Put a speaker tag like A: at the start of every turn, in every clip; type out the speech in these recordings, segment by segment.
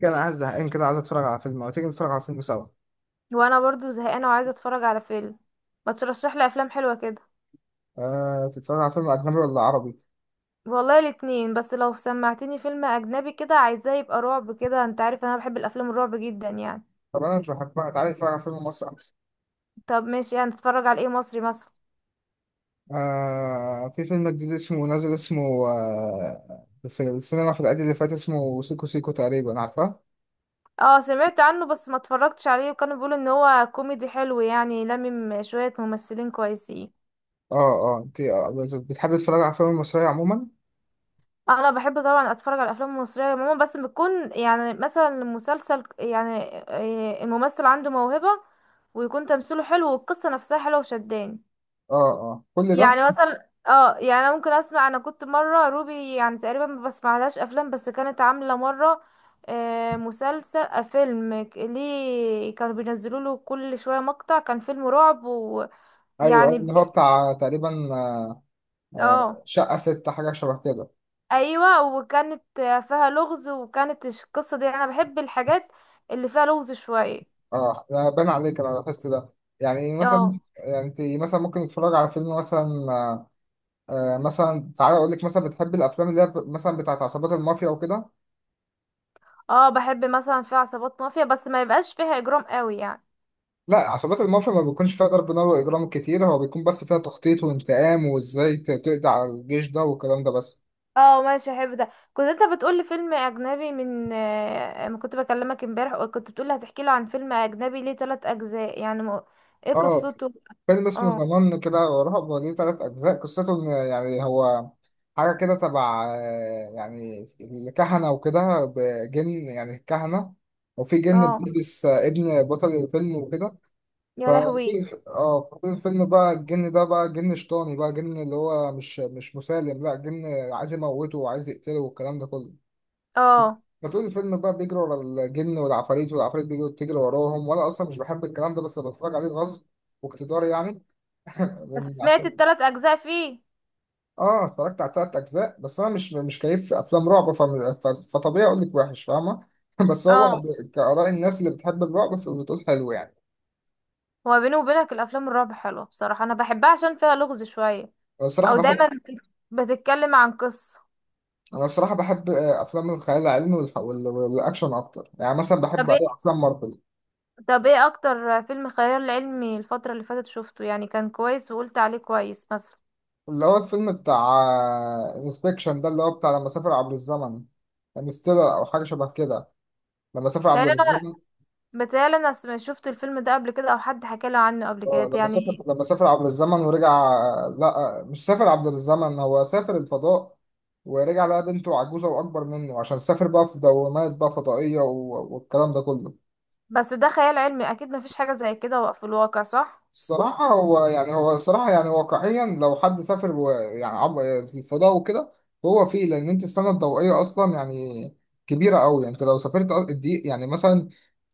A: كان عايز زهقان كده، عايز اتفرج على فيلم. او تيجي نتفرج على فيلم سوا.
B: وانا برضو زهقانه وعايزه اتفرج على فيلم. ما ترشح لي افلام حلوه كده.
A: آه، تتفرج على فيلم اجنبي ولا عربي؟
B: والله الاتنين، بس لو سمعتني فيلم اجنبي كده عايزاه يبقى رعب كده، انت عارف انا بحب الافلام الرعب جدا يعني.
A: طب انا مش بحبها، تعالى نتفرج على فيلم مصري احسن.
B: طب ماشي، يعني نتفرج على ايه مصري مثلا؟
A: آه، في فيلم جديد اسمه نازل، اسمه آه، في السينما في العيد اللي فات، اسمه سيكو سيكو تقريبا، عارفاه؟
B: اه سمعت عنه بس ما اتفرجتش عليه، وكانوا بيقولوا ان هو كوميدي حلو يعني لمم شويه ممثلين كويسين.
A: اه. اه انت بتحب تتفرج على فيلم مصرية عموما؟
B: انا بحب طبعا اتفرج على الافلام المصريه عموما، بس بتكون يعني مثلا المسلسل يعني الممثل عنده موهبه، ويكون تمثيله حلو والقصه نفسها حلوه وشداني.
A: اه اه، كل ده.
B: يعني مثلا اه يعني انا ممكن اسمع، انا كنت مره روبي يعني تقريبا ما بسمعلهاش افلام، بس كانت عامله مره مسلسل فيلم ليه كانوا بينزلوا له كل شويه مقطع، كان فيلم رعب ويعني
A: ايوه اللي هو بتاع تقريبا. آه. آه،
B: اه
A: شقة ستة، حاجة شبه كده.
B: ايوه، وكانت فيها لغز، وكانت القصه دي، انا بحب الحاجات اللي فيها لغز شويه.
A: اه، ده بان عليك، انا لاحظت ده. يعني مثلا،
B: اه
A: يعني انت مثلا ممكن تتفرج على فيلم مثلا مثلا تعالى اقول لك، مثلا بتحب الافلام اللي هي مثلا بتاعت عصابات المافيا وكده؟
B: اه بحب مثلا فيها عصابات مافيا، بس ما يبقاش فيها اجرام قوي يعني.
A: لا، عصابات المافيا ما بيكونش فيها ضرب نار واجرام كتير، هو بيكون بس فيها تخطيط وانتقام وازاي تقضي على الجيش ده والكلام ده بس.
B: اه ماشي، احب ده. كنت انت بتقول لي فيلم اجنبي من ما كنت بكلمك امبارح، وكنت بتقول لي هتحكي لي عن فيلم اجنبي ليه ثلاث اجزاء، يعني ما... ايه
A: اه،
B: قصته؟
A: فيلم اسمه
B: اه
A: زمان كده ورهب، وليه تلات اجزاء. قصته ان يعني هو حاجه كده تبع يعني الكهنه وكده، بجن يعني الكهنه. وفي جن
B: اه
A: بيلبس ابن بطل الفيلم وكده.
B: يا لهوي.
A: فطول الفيلم بقى الجن ده بقى جن شيطاني، بقى جن اللي هو مش مسالم. لا جن عايز يموته وعايز يقتله والكلام ده كله.
B: اه
A: فطول الفيلم بقى بيجري ورا الجن والعفاريت، والعفاريت بيجروا تجري وراهم. وانا اصلا مش بحب الكلام ده بس بتفرج عليه غصب واقتدار يعني،
B: بس
A: من
B: سمعت
A: عشان.
B: الثلاث اجزاء فيه.
A: اه، اتفرجت على تلات اجزاء، بس انا مش كيف افلام رعب فطبيعي اقول لك وحش، فاهمه؟ بس هو
B: اه
A: كآراء الناس اللي بتحب الرعب فبتقول حلو يعني.
B: هو بيني وبينك الافلام الرعب حلوه بصراحه، انا بحبها عشان فيها لغز شويه،
A: انا الصراحه
B: او دايما
A: بحب
B: بتتكلم عن قصه.
A: انا الصراحه بحب افلام الخيال العلمي والاكشن اكتر. يعني مثلا بحب
B: طب
A: أوي
B: ايه،
A: افلام مارفل.
B: طب ايه اكتر فيلم خيال علمي الفتره اللي فاتت شفته يعني كان كويس وقلت عليه كويس مثلا؟
A: اللي هو الفيلم بتاع انسبكشن ده، اللي هو بتاع لما سافر عبر الزمن. انستيلر او حاجه شبه كده، لما سافر عبر
B: تقريبا.
A: الزمن.
B: بتهيألي انا شفت الفيلم ده قبل كده، او حد حكى لي عنه قبل
A: اه
B: كده
A: لما سافر،
B: يعني.
A: لما سافر عبر الزمن ورجع آه، لا آه، مش سافر عبر الزمن، هو سافر الفضاء ورجع لقى بنته عجوزه واكبر منه، عشان سافر بقى في دوامات بقى فضائيه والكلام ده كله.
B: بس ده خيال علمي، اكيد مفيش حاجة زي كده في الواقع، صح؟
A: الصراحة هو يعني هو الصراحة يعني واقعيا لو حد سافر يعني في الفضاء وكده، هو فيه. لأن أنت السنة الضوئية أصلا يعني كبيرة أوي. يعني أنت لو سافرت الدقيق يعني مثلا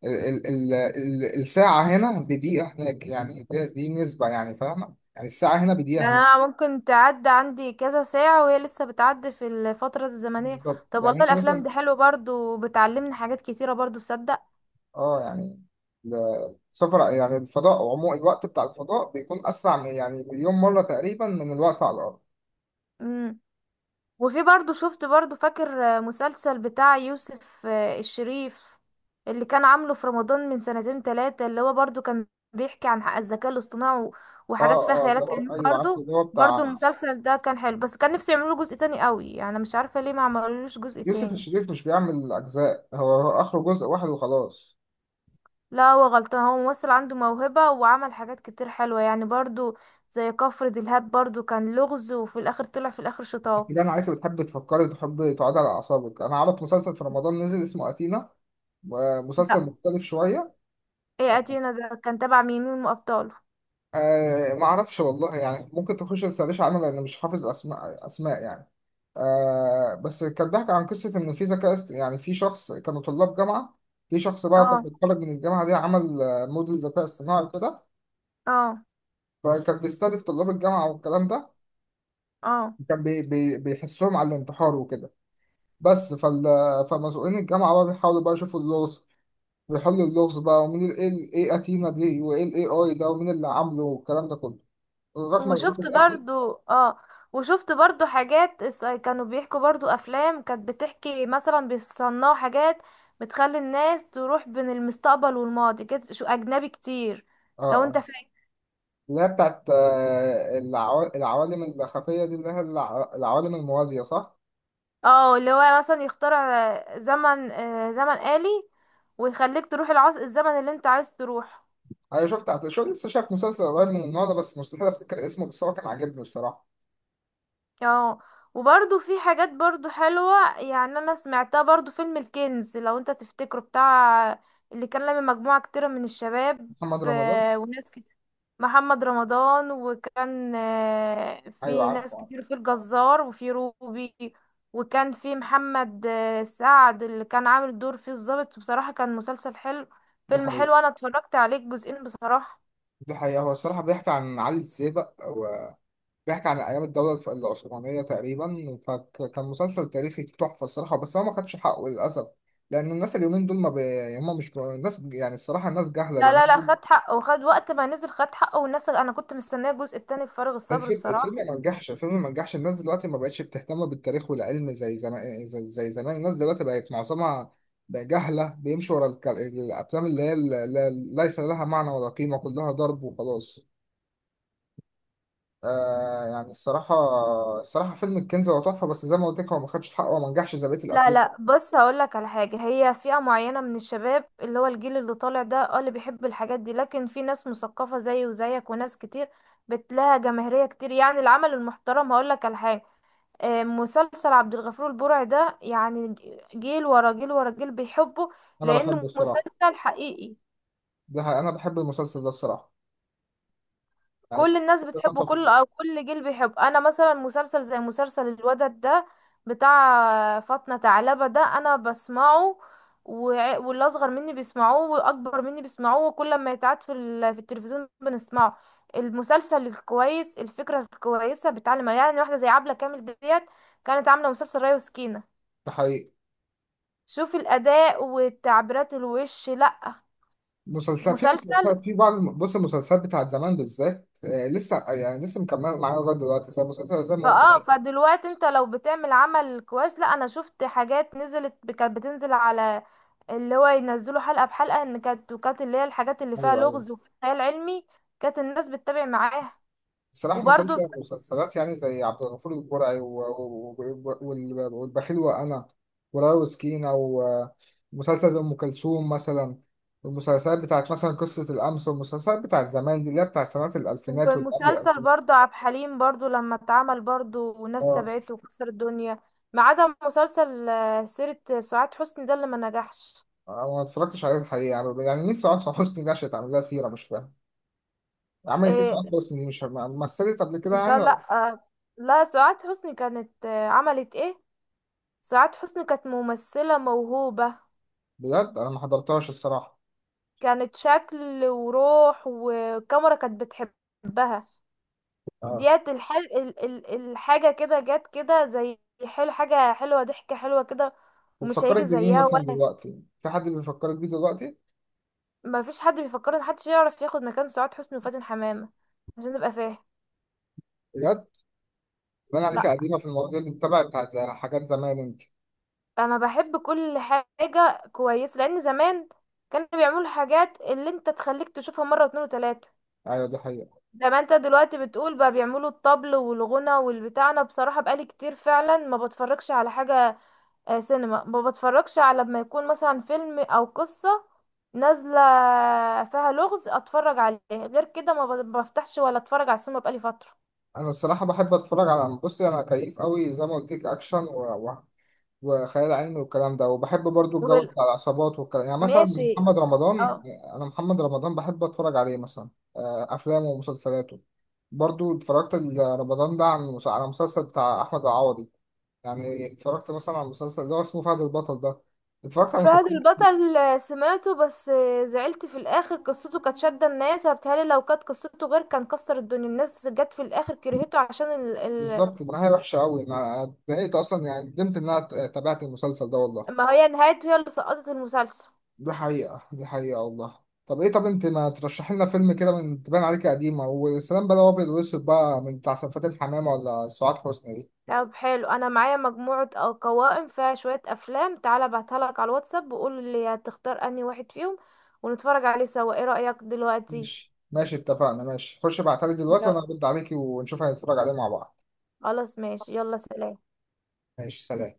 A: ال ال ال الساعة هنا بدقيقة هناك. يعني دي نسبة يعني، فاهمة؟ يعني الساعة هنا بدقيقة
B: يعني
A: هناك.
B: انا ممكن تعدي عندي كذا ساعة وهي لسه بتعدي في الفترة الزمنية.
A: بالظبط،
B: طب
A: يعني
B: والله
A: أنت
B: الافلام
A: مثلا.
B: دي حلوة برضو، وبتعلمني حاجات كتيرة برضو، تصدق.
A: أه يعني ال- السفر يعني الفضاء عموما، الوقت بتاع الفضاء بيكون أسرع من يعني مليون مرة تقريبا من الوقت على الأرض.
B: وفي برضو شفت برضو، فاكر مسلسل بتاع يوسف الشريف، اللي كان عامله في رمضان من سنتين تلاتة؟ اللي هو برضو كان بيحكي عن حق الذكاء الاصطناعي
A: اه،
B: وحاجات فيها
A: اه اللي
B: خيالات علمية
A: ايوه عارف،
B: برضو.
A: اللي هو بتاع
B: برضو المسلسل ده كان حلو، بس كان نفسي يعملوا جزء تاني قوي، يعني مش عارفة ليه ما عملولوش جزء
A: يوسف
B: تاني.
A: الشريف. مش بيعمل أجزاء، هو هو آخره جزء واحد وخلاص.
B: لا هو غلطان، هو ممثل عنده موهبة وعمل حاجات كتير حلوة يعني برضو، زي كفر دلهاب برضو، كان لغز وفي الآخر طلع في الآخر شطاه.
A: كده أنا عليك بتحب تفكري وتحب تقعدي على أعصابك. أنا أعرف مسلسل في رمضان نزل، اسمه أتينا، مسلسل
B: لا،
A: مختلف شوية.
B: ايه أتينا ده، كان تبع مين من أبطاله؟
A: آه، ما أعرفش والله، يعني ممكن تخش تسأليش عنه، لأن مش حافظ أسماء يعني. آه، بس كان بيحكي عن قصة إن في ذكاء يعني في شخص، كانوا طلاب جامعة. في شخص بقى كان
B: اه
A: بيتخرج من الجامعة دي، عمل موديل ذكاء اصطناعي كده،
B: اه
A: فكان بيستهدف طلاب الجامعة والكلام ده.
B: اه
A: كان بي بي بيحسهم على الانتحار وكده. بس فال... فمسؤولين الجامعة بقى بيحاولوا بقى يشوفوا اللغز، بيحلوا اللغز بقى ومين ال إيه ايه أتينا دي، وايه الاي اي ده، ومين اللي عامله والكلام ده كله، لغاية ما لقيت في
B: وشفت
A: الآخر.
B: برضو. اه وشفت برضو حاجات كانوا بيحكوا برضو افلام كانت بتحكي مثلا بيصنعوا حاجات بتخلي الناس تروح بين المستقبل والماضي كده، شو اجنبي كتير،
A: اه،
B: لو انت
A: اه
B: فاكر.
A: اللي هي بتاعت العوالم الخفية دي، اللي هي العوالم الموازية، صح؟
B: اه اللي هو مثلا يخترع زمن زمن آلي، ويخليك تروح العصر الزمن اللي انت عايز تروح.
A: أنا شفت على شو، لسه شايف مسلسل قريب من النوع ده بس مستحيل أفتكر اسمه، بس هو كان عاجبني الصراحة.
B: اه وبرضو في حاجات برضو حلوة يعني، انا سمعتها برضو، فيلم الكنز لو انت تفتكره، بتاع اللي كان لما مجموعة كتيرة من الشباب،
A: محمد رمضان.
B: وناس كتير، محمد رمضان، وكان
A: أيوه
B: في
A: عارفه
B: ناس
A: عارفه.
B: كتير، في الجزار وفي روبي، وكان في محمد سعد اللي كان عامل دور فيه الضابط. بصراحة كان مسلسل حلو،
A: دي
B: فيلم
A: حقيقة.
B: حلو، انا اتفرجت عليه الجزئين بصراحة.
A: دي حقيقة، هو الصراحة بيحكي عن علي السيبق، بيحكي عن أيام الدولة العثمانية تقريبا، فكان مسلسل تاريخي تحفة الصراحة، بس هو ما خدش حقه للأسف. لأن الناس اليومين دول ما بي... يعني هم مش ب- الناس يعني الصراحة الناس جاهلة
B: لا
A: اليومين
B: لا لا،
A: دول.
B: خد حقه، وخد وقت ما نزل خد حقه والناس، انا كنت مستنيه الجزء التاني بفارغ الصبر
A: الفيلم
B: بصراحه.
A: ما نجحش، الفيلم ما نجحش. الناس دلوقتي ما بقتش بتهتم بالتاريخ والعلم زي زمان، زي زمان. الناس دلوقتي بقت معظمها بقى جاهلة، بيمشوا ورا الك... الأفلام اللي هي ليس لها معنى ولا قيمة، كلها ضرب وخلاص. آه يعني الصراحة، الصراحة فيلم الكنز هو تحفة، بس زي ما قلت لك هو ما خدش حقه وما نجحش زي بقية
B: لا
A: الأفلام.
B: لا، بص هقولك على حاجه، هي فئه معينه من الشباب، اللي هو الجيل اللي طالع ده اه اللي بيحب الحاجات دي، لكن في ناس مثقفه زيي وزيك وناس كتير، بتلاقي جماهيريه كتير يعني العمل المحترم. هقولك على حاجه، مسلسل عبد الغفور البرعي ده، يعني جيل ورا جيل ورا جيل بيحبه،
A: انا
B: لانه
A: بحبه الصراحه.
B: مسلسل حقيقي.
A: ده حقيقة. انا بحب المسلسل ده الصراحه، يعني
B: كل الناس بتحبه، كل او كل جيل بيحب. انا مثلا مسلسل زي مسلسل الودد ده بتاع فاطمة ثعلبة ده انا بسمعه، واللي اصغر مني بيسمعوه واكبر مني بيسمعوه، وكل ما يتعاد في في التلفزيون بنسمعه. المسلسل الكويس، الفكرة الكويسة بتعلم، يعني واحدة زي عبلة كامل ديت كانت عاملة مسلسل ريا وسكينة،
A: ده حقيقي.
B: شوفي الاداء وتعبيرات الوش. لا
A: مسلسل في
B: مسلسل
A: مسلسلات في بعض بص، المسلسلات بتاعت زمان بالذات آه لسه، يعني لسه مكمله معايا لغايه دلوقتي، زي مسلسل زي ما قلت
B: فاه،
A: لك.
B: فدلوقتي انت لو بتعمل عمل كويس، لا انا شفت حاجات نزلت كانت بتنزل على اللي هو ينزلوا حلقة بحلقة، ان كانت وكانت اللي هي الحاجات اللي فيها
A: ايوه ايوه،
B: لغز وفي خيال علمي، كانت الناس بتتابع معاها.
A: الصراحه
B: وبرضو
A: مسلسل مسلسلات يعني زي عبد الغفور البرعي والبخيل وانا ورايا وسكينه، ومسلسل زي ام كلثوم مثلا. المسلسلات بتاعت مثلا قصه الامس، والمسلسلات بتاعت زمان دي اللي هي بتاعت سنوات الالفينات واللي قبل
B: ومسلسل
A: الالفينات.
B: برضو عبد الحليم برضو لما اتعمل، برضو وناس تابعته وكسر الدنيا، ما عدا مسلسل سيرة سعاد حسني ده اللي ما نجحش.
A: انا ما اتفرجتش عليه الحقيقه، يعني نفسي اعرف حسني دي عشان تعمل لها سيره، مش فاهم عملت ايه في
B: إيه؟
A: عمرو حسني دي، مش فاهم. مثلت قبل كده يعني
B: لا
A: ولا...
B: لا لا، سعاد حسني كانت عملت ايه. سعاد حسني كانت ممثلة موهوبة،
A: بجد انا ما حضرتهاش الصراحه.
B: كانت شكل وروح والكاميرا كانت بتحبها.
A: اه،
B: ديت الحاجة كده جت كده، زي حلو، حاجة حلوة، ضحكة حلوة كده، ومش
A: بتفكرك
B: هيجي
A: بمين
B: زيها
A: مثلا؟
B: ولا.
A: دلوقتي في حد بيفكرك بيه دلوقتي؟
B: ما فيش حد بيفكر، ان محدش يعرف ياخد مكان سعاد حسني وفاتن حمامة، عشان نبقى فاهم.
A: بجد باين عليك
B: لا
A: قديمه في المواضيع اللي بتتابع، بتاعت زي حاجات زمان انت.
B: انا بحب كل حاجة كويسة، لان زمان كانوا بيعملوا حاجات اللي انت تخليك تشوفها مرة واتنين وتلاتة.
A: ايوه، دي حقيقه.
B: زي ما انت دلوقتي بتقول، بقى بيعملوا الطبل والغنى والبتاع، انا بصراحة بقالي كتير فعلا ما بتفرجش على حاجة، سينما ما بتفرجش، على لما يكون مثلا فيلم او قصة نازلة فيها لغز اتفرج عليه، غير كده ما بفتحش ولا اتفرج على السينما بقالي فترة.
A: انا الصراحه بحب اتفرج على، بصي انا كيف قوي زي ما قلت لك اكشن وخيال علمي والكلام ده. وبحب برضو الجو
B: وال-
A: بتاع العصابات والكلام، يعني مثلا
B: ماشي.
A: محمد رمضان.
B: اه
A: انا محمد رمضان بحب اتفرج عليه مثلا، افلامه ومسلسلاته. برضو اتفرجت رمضان ده عن على مسلسل بتاع احمد العوضي. يعني اتفرجت مثلا على المسلسل اللي هو اسمه فهد البطل ده، اتفرجت على
B: فهد
A: مسلسل.
B: البطل سمعته، بس زعلت في الاخر، قصته كانت شادة الناس، وبالتالي لو كانت قصته غير كان كسر الدنيا، الناس جت في الاخر كرهته عشان
A: بالظبط، النهايه وحشه قوي، انا اتضايقت اصلا، يعني ندمت ان انا تابعت المسلسل ده والله.
B: ما هي نهايته هي اللي سقطت المسلسل.
A: دي حقيقة، دي حقيقة والله. طب ايه، طب انت ما ترشح لنا فيلم كده، من تبان عليك قديمة والسلام بقى، لو ابيض واسود بقى من بتاع سلفات الحمامة ولا سعاد حسني دي.
B: طب حلو، انا معايا مجموعة او قوائم فيها شوية افلام، تعالى ابعتها لك على الواتساب وقول لي هتختار انهي واحد فيهم، ونتفرج عليه سوا، ايه رأيك دلوقتي؟
A: ماشي ماشي، اتفقنا. ماشي خش ابعتها لي دلوقتي وانا
B: يلا،
A: هرد عليكي ونشوف هنتفرج عليه مع بعض.
B: خلاص ماشي، يلا سلام.
A: ماشي، سلام.